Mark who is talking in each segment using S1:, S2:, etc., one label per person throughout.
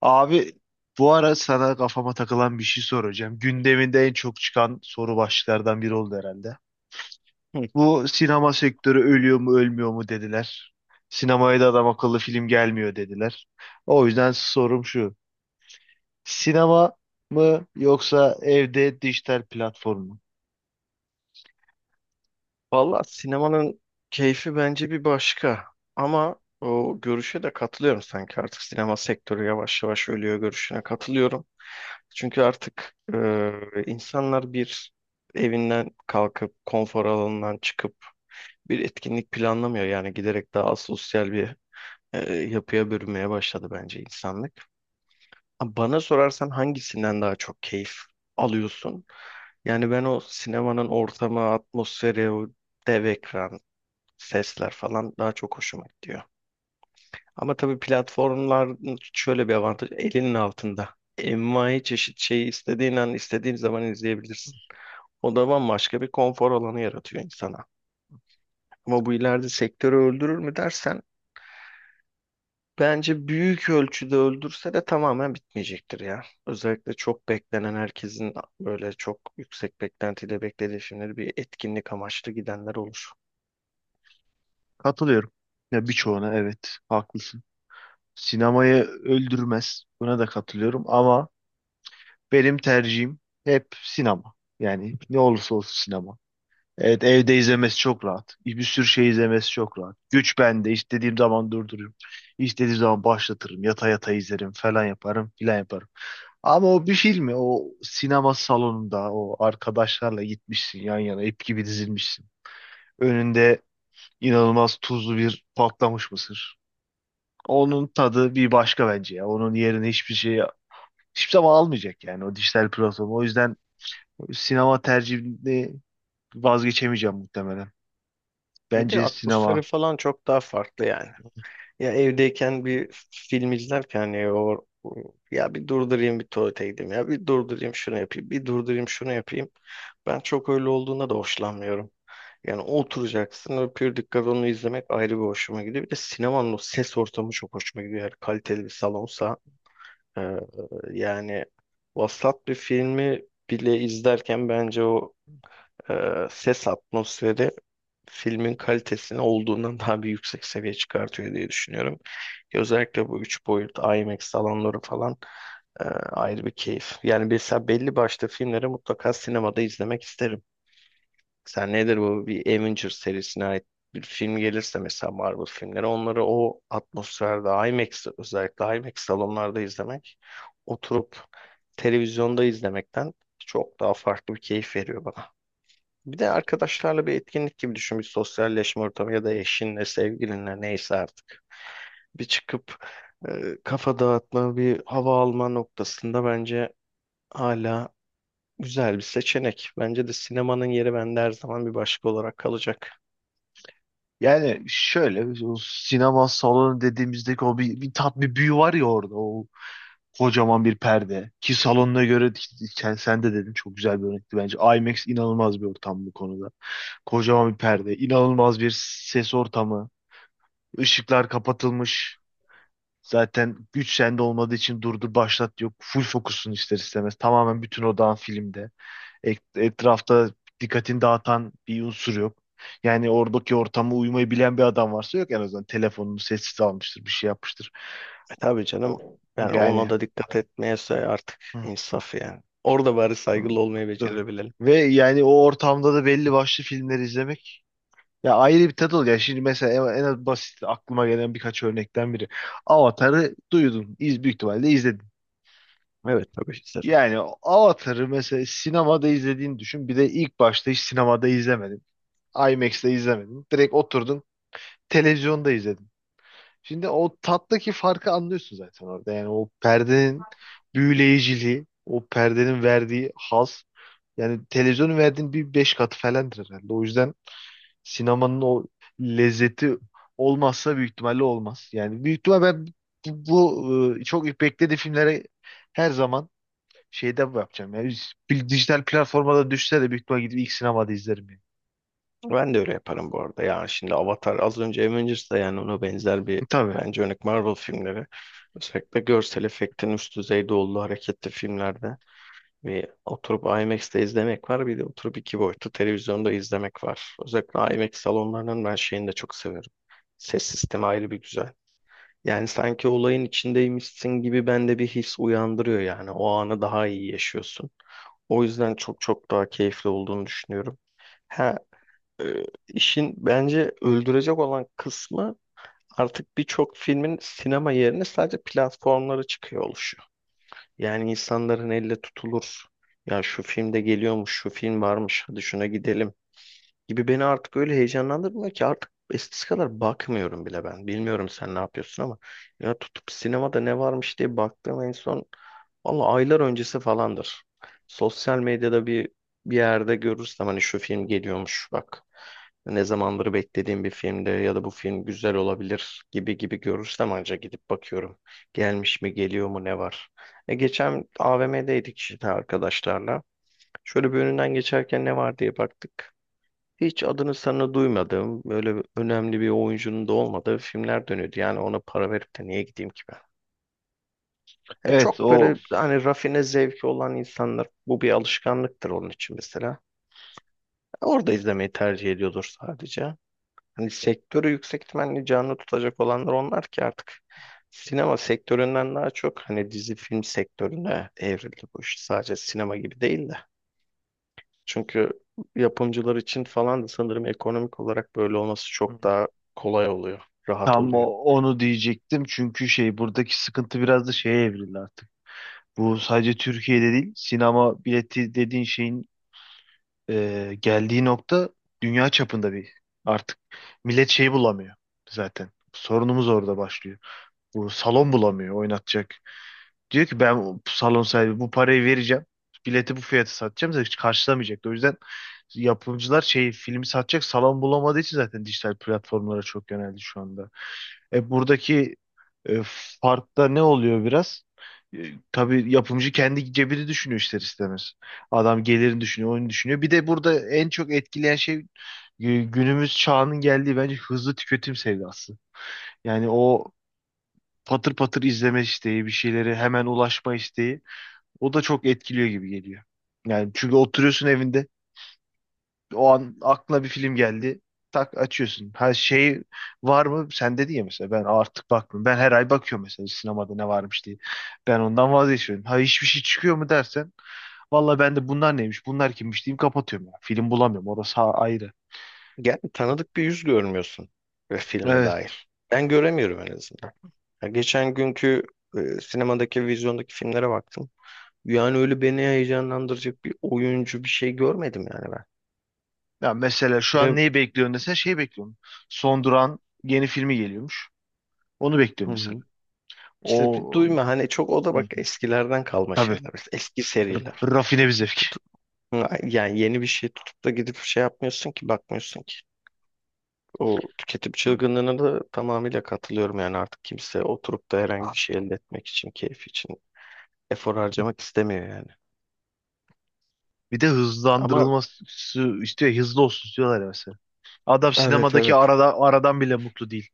S1: Abi, bu ara sana kafama takılan bir şey soracağım. Gündeminde en çok çıkan soru başlıklardan biri oldu herhalde.
S2: Hı.
S1: Bu sinema sektörü ölüyor mu ölmüyor mu dediler. Sinemaya da adam akıllı film gelmiyor dediler. O yüzden sorum şu. Sinema mı yoksa evde dijital platform mu?
S2: Valla sinemanın keyfi bence bir başka. Ama o görüşe de katılıyorum sanki artık sinema sektörü yavaş yavaş ölüyor görüşüne katılıyorum. Çünkü artık insanlar bir evinden kalkıp konfor alanından çıkıp bir etkinlik planlamıyor. Yani giderek daha sosyal bir yapıya bürünmeye başladı bence insanlık. Bana sorarsan hangisinden daha çok keyif alıyorsun? Yani ben o sinemanın ortamı, atmosferi, o dev ekran, sesler falan daha çok hoşuma gidiyor. Ama tabii platformlar şöyle bir avantaj, elinin altında. Envai çeşit şeyi istediğin an istediğin zaman izleyebilirsin. O da bambaşka bir konfor alanı yaratıyor insana. Ama bu ileride sektörü öldürür mü dersen bence büyük ölçüde öldürse de tamamen bitmeyecektir ya. Özellikle çok beklenen herkesin böyle çok yüksek beklentiyle beklediği filmleri bir etkinlik amaçlı gidenler olur.
S1: Katılıyorum. Ya birçoğuna evet haklısın. Sinemayı öldürmez. Buna da katılıyorum ama benim tercihim hep sinema. Yani ne olursa olsun sinema. Evet, evde izlemesi çok rahat. Bir sürü şey izlemesi çok rahat. Güç bende. İstediğim zaman durdururum. İstediğim zaman başlatırım. Yata yata izlerim falan yaparım filan yaparım. Ama o bir filmi o sinema salonunda o arkadaşlarla gitmişsin, yan yana ip gibi dizilmişsin. Önünde inanılmaz tuzlu bir patlamış mısır. Onun tadı bir başka bence ya. Onun yerine hiçbir şey hiçbir zaman almayacak yani o dijital platform. O yüzden sinema tercihini vazgeçemeyeceğim muhtemelen.
S2: Bir de
S1: Bence
S2: atmosferi
S1: sinema.
S2: falan çok daha farklı yani. Ya evdeyken bir film izlerken hani o ya bir durdurayım bir tuvalete gideyim ya bir durdurayım şunu yapayım bir durdurayım şunu yapayım. Ben çok öyle olduğuna da hoşlanmıyorum. Yani oturacaksın o pür dikkat onu izlemek ayrı bir hoşuma gidiyor. Bir de sinemanın o ses ortamı çok hoşuma gidiyor. Eğer kaliteli bir salonsa e, yani vasat bir filmi bile izlerken bence o e, ses atmosferi filmin kalitesini olduğundan daha bir yüksek seviye çıkartıyor diye düşünüyorum. Ki özellikle bu 3 boyut IMAX salonları falan ayrı bir keyif. Yani mesela belli başlı filmleri mutlaka sinemada izlemek isterim. Sen nedir bu bir Avengers serisine ait bir film gelirse mesela Marvel filmleri onları o atmosferde IMAX, özellikle IMAX salonlarda izlemek oturup televizyonda izlemekten çok daha farklı bir keyif veriyor bana. Bir de arkadaşlarla bir etkinlik gibi düşün, bir sosyalleşme ortamı ya da eşinle, sevgilinle neyse artık. Bir çıkıp kafa dağıtma, bir hava alma noktasında bence hala güzel bir seçenek. Bence de sinemanın yeri bende her zaman bir başka olarak kalacak.
S1: Yani şöyle o sinema salonu dediğimizdeki o bir tat, bir büyü var ya orada, o kocaman bir perde, ki salonuna göre sen de dedin, çok güzel bir örnekti bence. IMAX inanılmaz bir ortam bu konuda, kocaman bir perde, inanılmaz bir ses ortamı, ışıklar kapatılmış, zaten güç sende olmadığı için durdur başlat yok, full fokusun ister istemez tamamen bütün odağın filmde. Etrafta dikkatini dağıtan bir unsur yok. Yani oradaki ortama uymayı bilen bir adam varsa, yok en azından telefonunu sessiz almıştır, bir şey yapmıştır.
S2: E tabii canım,
S1: O,
S2: yani ona
S1: yani.
S2: da dikkat etmeyese artık
S1: Hı,
S2: insaf yani. Orada bari
S1: hı,
S2: saygılı olmayı
S1: hı.
S2: becerebilelim.
S1: Ve yani o ortamda da belli başlı filmleri izlemek ya ayrı bir tat oluyor. Yani şimdi mesela en az basit aklıma gelen birkaç örnekten biri. Avatar'ı duydun, büyük ihtimalle izledin.
S2: Evet, tabii isterim.
S1: Yani Avatar'ı mesela sinemada izlediğini düşün. Bir de ilk başta hiç sinemada izlemedin. IMAX'te izlemedin. Direkt oturdun, televizyonda izledim. Şimdi o tattaki farkı anlıyorsun zaten orada. Yani o perdenin büyüleyiciliği, o perdenin verdiği haz. Yani televizyonun verdiğin bir beş katı falandır herhalde. O yüzden sinemanın o lezzeti olmazsa büyük ihtimalle olmaz. Yani büyük ihtimal ben çok beklediği filmlere her zaman şeyde yapacağım. Yani bir dijital platforma da düşse de büyük ihtimal gidip ilk sinemada izlerim. Yani.
S2: Ben de öyle yaparım bu arada. Yani şimdi Avatar az önce Avengers'da yani ona benzer bir
S1: Tabii.
S2: bence örnek Marvel filmleri. Özellikle görsel efektin üst düzeyde olduğu hareketli filmlerde bir oturup IMAX'te izlemek var, bir de oturup iki boyutlu televizyonda izlemek var. Özellikle IMAX salonlarının ben şeyini de çok seviyorum. Ses sistemi ayrı bir güzel. Yani sanki olayın içindeymişsin gibi bende bir his uyandırıyor yani. O anı daha iyi yaşıyorsun. O yüzden çok çok daha keyifli olduğunu düşünüyorum. Ha, işin bence öldürecek olan kısmı artık birçok filmin sinema yerine sadece platformlara çıkıyor oluşu. Yani insanların elle tutulur. Ya şu filmde geliyormuş, şu film varmış, hadi şuna gidelim gibi beni artık öyle heyecanlandırmıyor ki artık eskisi kadar bakmıyorum bile ben. Bilmiyorum sen ne yapıyorsun ama ya tutup sinemada ne varmış diye baktığım en son valla aylar öncesi falandır. Sosyal medyada bir yerde görürsem hani şu film geliyormuş bak. Ne zamandır beklediğim bir filmde ya da bu film güzel olabilir gibi gibi görürsem anca gidip bakıyorum. Gelmiş mi, geliyor mu, ne var. E geçen AVM'deydik işte arkadaşlarla. Şöyle bir önünden geçerken ne var diye baktık. Hiç adını sanını duymadığım, önemli bir oyuncunun da olmadığı filmler dönüyordu. Yani ona para verip de niye gideyim ki ben?
S1: Evet,
S2: Çok
S1: o
S2: böyle hani rafine zevki olan insanlar, bu bir alışkanlıktır onun için mesela. Orada izlemeyi tercih ediyordur sadece. Hani sektörü yüksek ihtimalle canlı tutacak olanlar onlar ki artık sinema sektöründen daha çok hani dizi film sektörüne evrildi bu iş. Sadece sinema gibi değil de. Çünkü yapımcılar için falan da sanırım ekonomik olarak böyle olması çok daha kolay oluyor, rahat
S1: tam
S2: oluyor.
S1: onu diyecektim çünkü şey buradaki sıkıntı biraz da şeye evrildi artık. Bu sadece Türkiye'de değil, sinema bileti dediğin şeyin geldiği nokta dünya çapında bir, artık millet şeyi bulamıyor zaten. Sorunumuz orada başlıyor. Bu salon bulamıyor oynatacak. Diyor ki ben bu salon sahibi bu parayı vereceğim. Bileti bu fiyata satacağım da hiç karşılamayacak. O yüzden yapımcılar şey filmi satacak salon bulamadığı için zaten dijital platformlara çok yöneldi şu anda. Buradaki e, fark ne oluyor biraz? E, tabii yapımcı kendi cebini düşünüyor ister istemez. Adam gelirini düşünüyor, oyunu düşünüyor. Bir de burada en çok etkileyen şey günümüz çağının geldiği bence hızlı tüketim sevdası. Yani o patır patır izleme isteği, bir şeylere hemen ulaşma isteği, o da çok etkiliyor gibi geliyor. Yani çünkü oturuyorsun evinde, o an aklına bir film geldi. Tak açıyorsun. Her şey var mı sende diye mesela? Ben artık bakmıyorum. Ben her ay bakıyorum mesela sinemada ne varmış diye. Ben ondan vazgeçiyorum. Ha, hiçbir şey çıkıyor mu dersen, valla ben de bunlar neymiş, bunlar kimmiş diyeyim kapatıyorum ya. Film bulamıyorum. Orası ayrı.
S2: Yani tanıdık bir yüz görmüyorsun ve filme
S1: Evet.
S2: dair. Ben göremiyorum en azından. Ya geçen günkü sinemadaki, vizyondaki filmlere baktım. Yani öyle beni heyecanlandıracak bir oyuncu bir şey görmedim yani ben.
S1: Ya mesela şu an
S2: Ve
S1: neyi bekliyorsun desen şey bekliyorum. Son Duran yeni filmi geliyormuş. Onu
S2: hı
S1: bekliyorum mesela.
S2: hı. İşte bir
S1: O.
S2: duyma hani çok o da
S1: Hı
S2: bak
S1: hı.
S2: eskilerden kalma
S1: Tabii.
S2: şeyler. Eski seriler.
S1: R- Rafine bir zevk.
S2: Tutup, yani yeni bir şey tutup da gidip şey yapmıyorsun ki bakmıyorsun ki. O tüketim
S1: Hı.
S2: çılgınlığına da tamamıyla katılıyorum yani artık kimse oturup da herhangi bir şey elde etmek için, keyif için efor harcamak istemiyor yani.
S1: Bir de
S2: Ama
S1: hızlandırılması istiyor. Hızlı olsun istiyorlar ya mesela. Adam
S2: evet,
S1: sinemadaki
S2: evet.
S1: arada, aradan bile mutlu değil.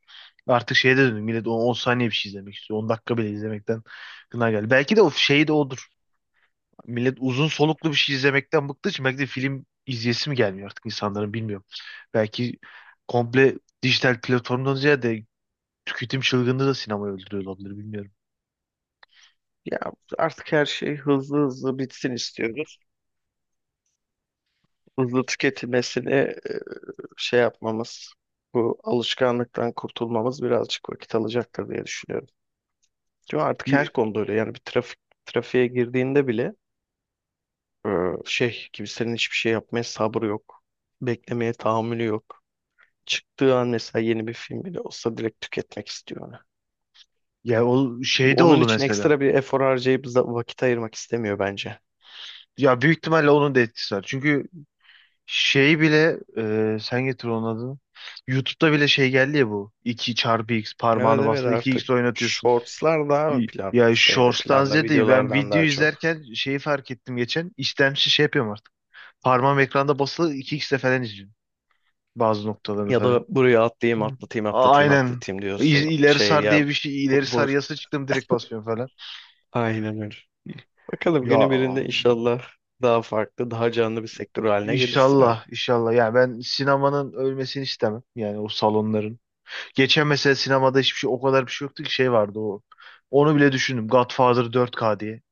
S1: Artık şeye de döndü. Millet 10 saniye bir şey izlemek istiyor. 10 dakika bile izlemekten gına geldi. Belki de o şey de odur. Millet uzun soluklu bir şey izlemekten bıktığı için belki de film izleyesi mi gelmiyor artık insanların, bilmiyorum. Belki komple dijital platformdan ziyade tüketim çılgınlığı da sinemayı öldürüyor olabilir, bilmiyorum.
S2: Ya artık her şey hızlı hızlı bitsin istiyoruz. Hızlı tüketilmesini şey yapmamız, bu alışkanlıktan kurtulmamız birazcık vakit alacaktır diye düşünüyorum. Çünkü artık her konuda öyle yani bir trafik trafiğe girdiğinde bile e, şey, kimsenin hiçbir şey yapmaya sabrı yok. Beklemeye tahammülü yok. Çıktığı an mesela yeni bir film bile olsa direkt tüketmek istiyor onu.
S1: Ya o şey de
S2: Onun
S1: oldu
S2: için
S1: mesela.
S2: ekstra bir efor harcayıp vakit ayırmak istemiyor bence.
S1: Ya büyük ihtimalle onun da etkisi var. Çünkü şey bile, sen getir onun adını. YouTube'da bile şey geldi ya bu. 2 çarpı x
S2: Evet
S1: parmağını
S2: evet,
S1: bastı, iki
S2: artık
S1: x oynatıyorsun.
S2: shortslar daha mı plan
S1: Ya
S2: şeyde
S1: Shorts'tan
S2: planda
S1: ziyade ben
S2: videolardan
S1: video
S2: daha çok.
S1: izlerken şeyi fark ettim geçen. İstemsiz şey yapıyorum artık. Parmağım ekranda basılı iki xle falan izliyorum. Bazı noktalarını
S2: Ya
S1: falan.
S2: da buraya atlayayım,
S1: Hı.
S2: atlatayım atlatayım
S1: Aynen.
S2: atlatayım diyorsun.
S1: İleri
S2: Şey
S1: sar
S2: ya
S1: diye bir şey.
S2: bu,
S1: İleri
S2: bu-
S1: sar yasa çıktım direkt basıyorum falan.
S2: aynen öyle. Bakalım
S1: Ya
S2: günü birinde inşallah daha farklı, daha canlı bir sektör haline gelirsin ama.
S1: inşallah, inşallah. Yani ben sinemanın ölmesini istemem. Yani o salonların. Geçen mesela sinemada hiçbir şey o kadar bir şey yoktu ki, şey vardı o. Onu bile düşündüm. Godfather 4K diye.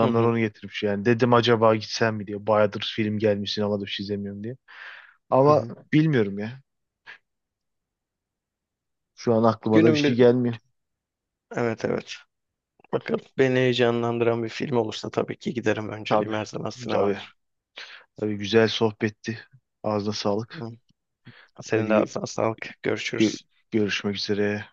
S2: Hı hı,
S1: onu getirmiş yani. Dedim acaba gitsem mi diye. Bayağıdır film gelmiş sinemada bir şey izlemiyorum diye.
S2: hı
S1: Ama
S2: hı.
S1: bilmiyorum ya. Şu an aklıma da bir
S2: Günün
S1: şey
S2: bir
S1: gelmiyor.
S2: evet evet. Bakalım beni heyecanlandıran bir film olursa tabii ki giderim. Önceliğim
S1: Tabii.
S2: her zaman
S1: Tabii.
S2: sinemadır.
S1: Tabii, güzel sohbetti. Ağzına sağlık.
S2: Hı. Senin
S1: Haydi
S2: de ağzına sağlık.
S1: gö-
S2: Görüşürüz.
S1: görüşmek üzere.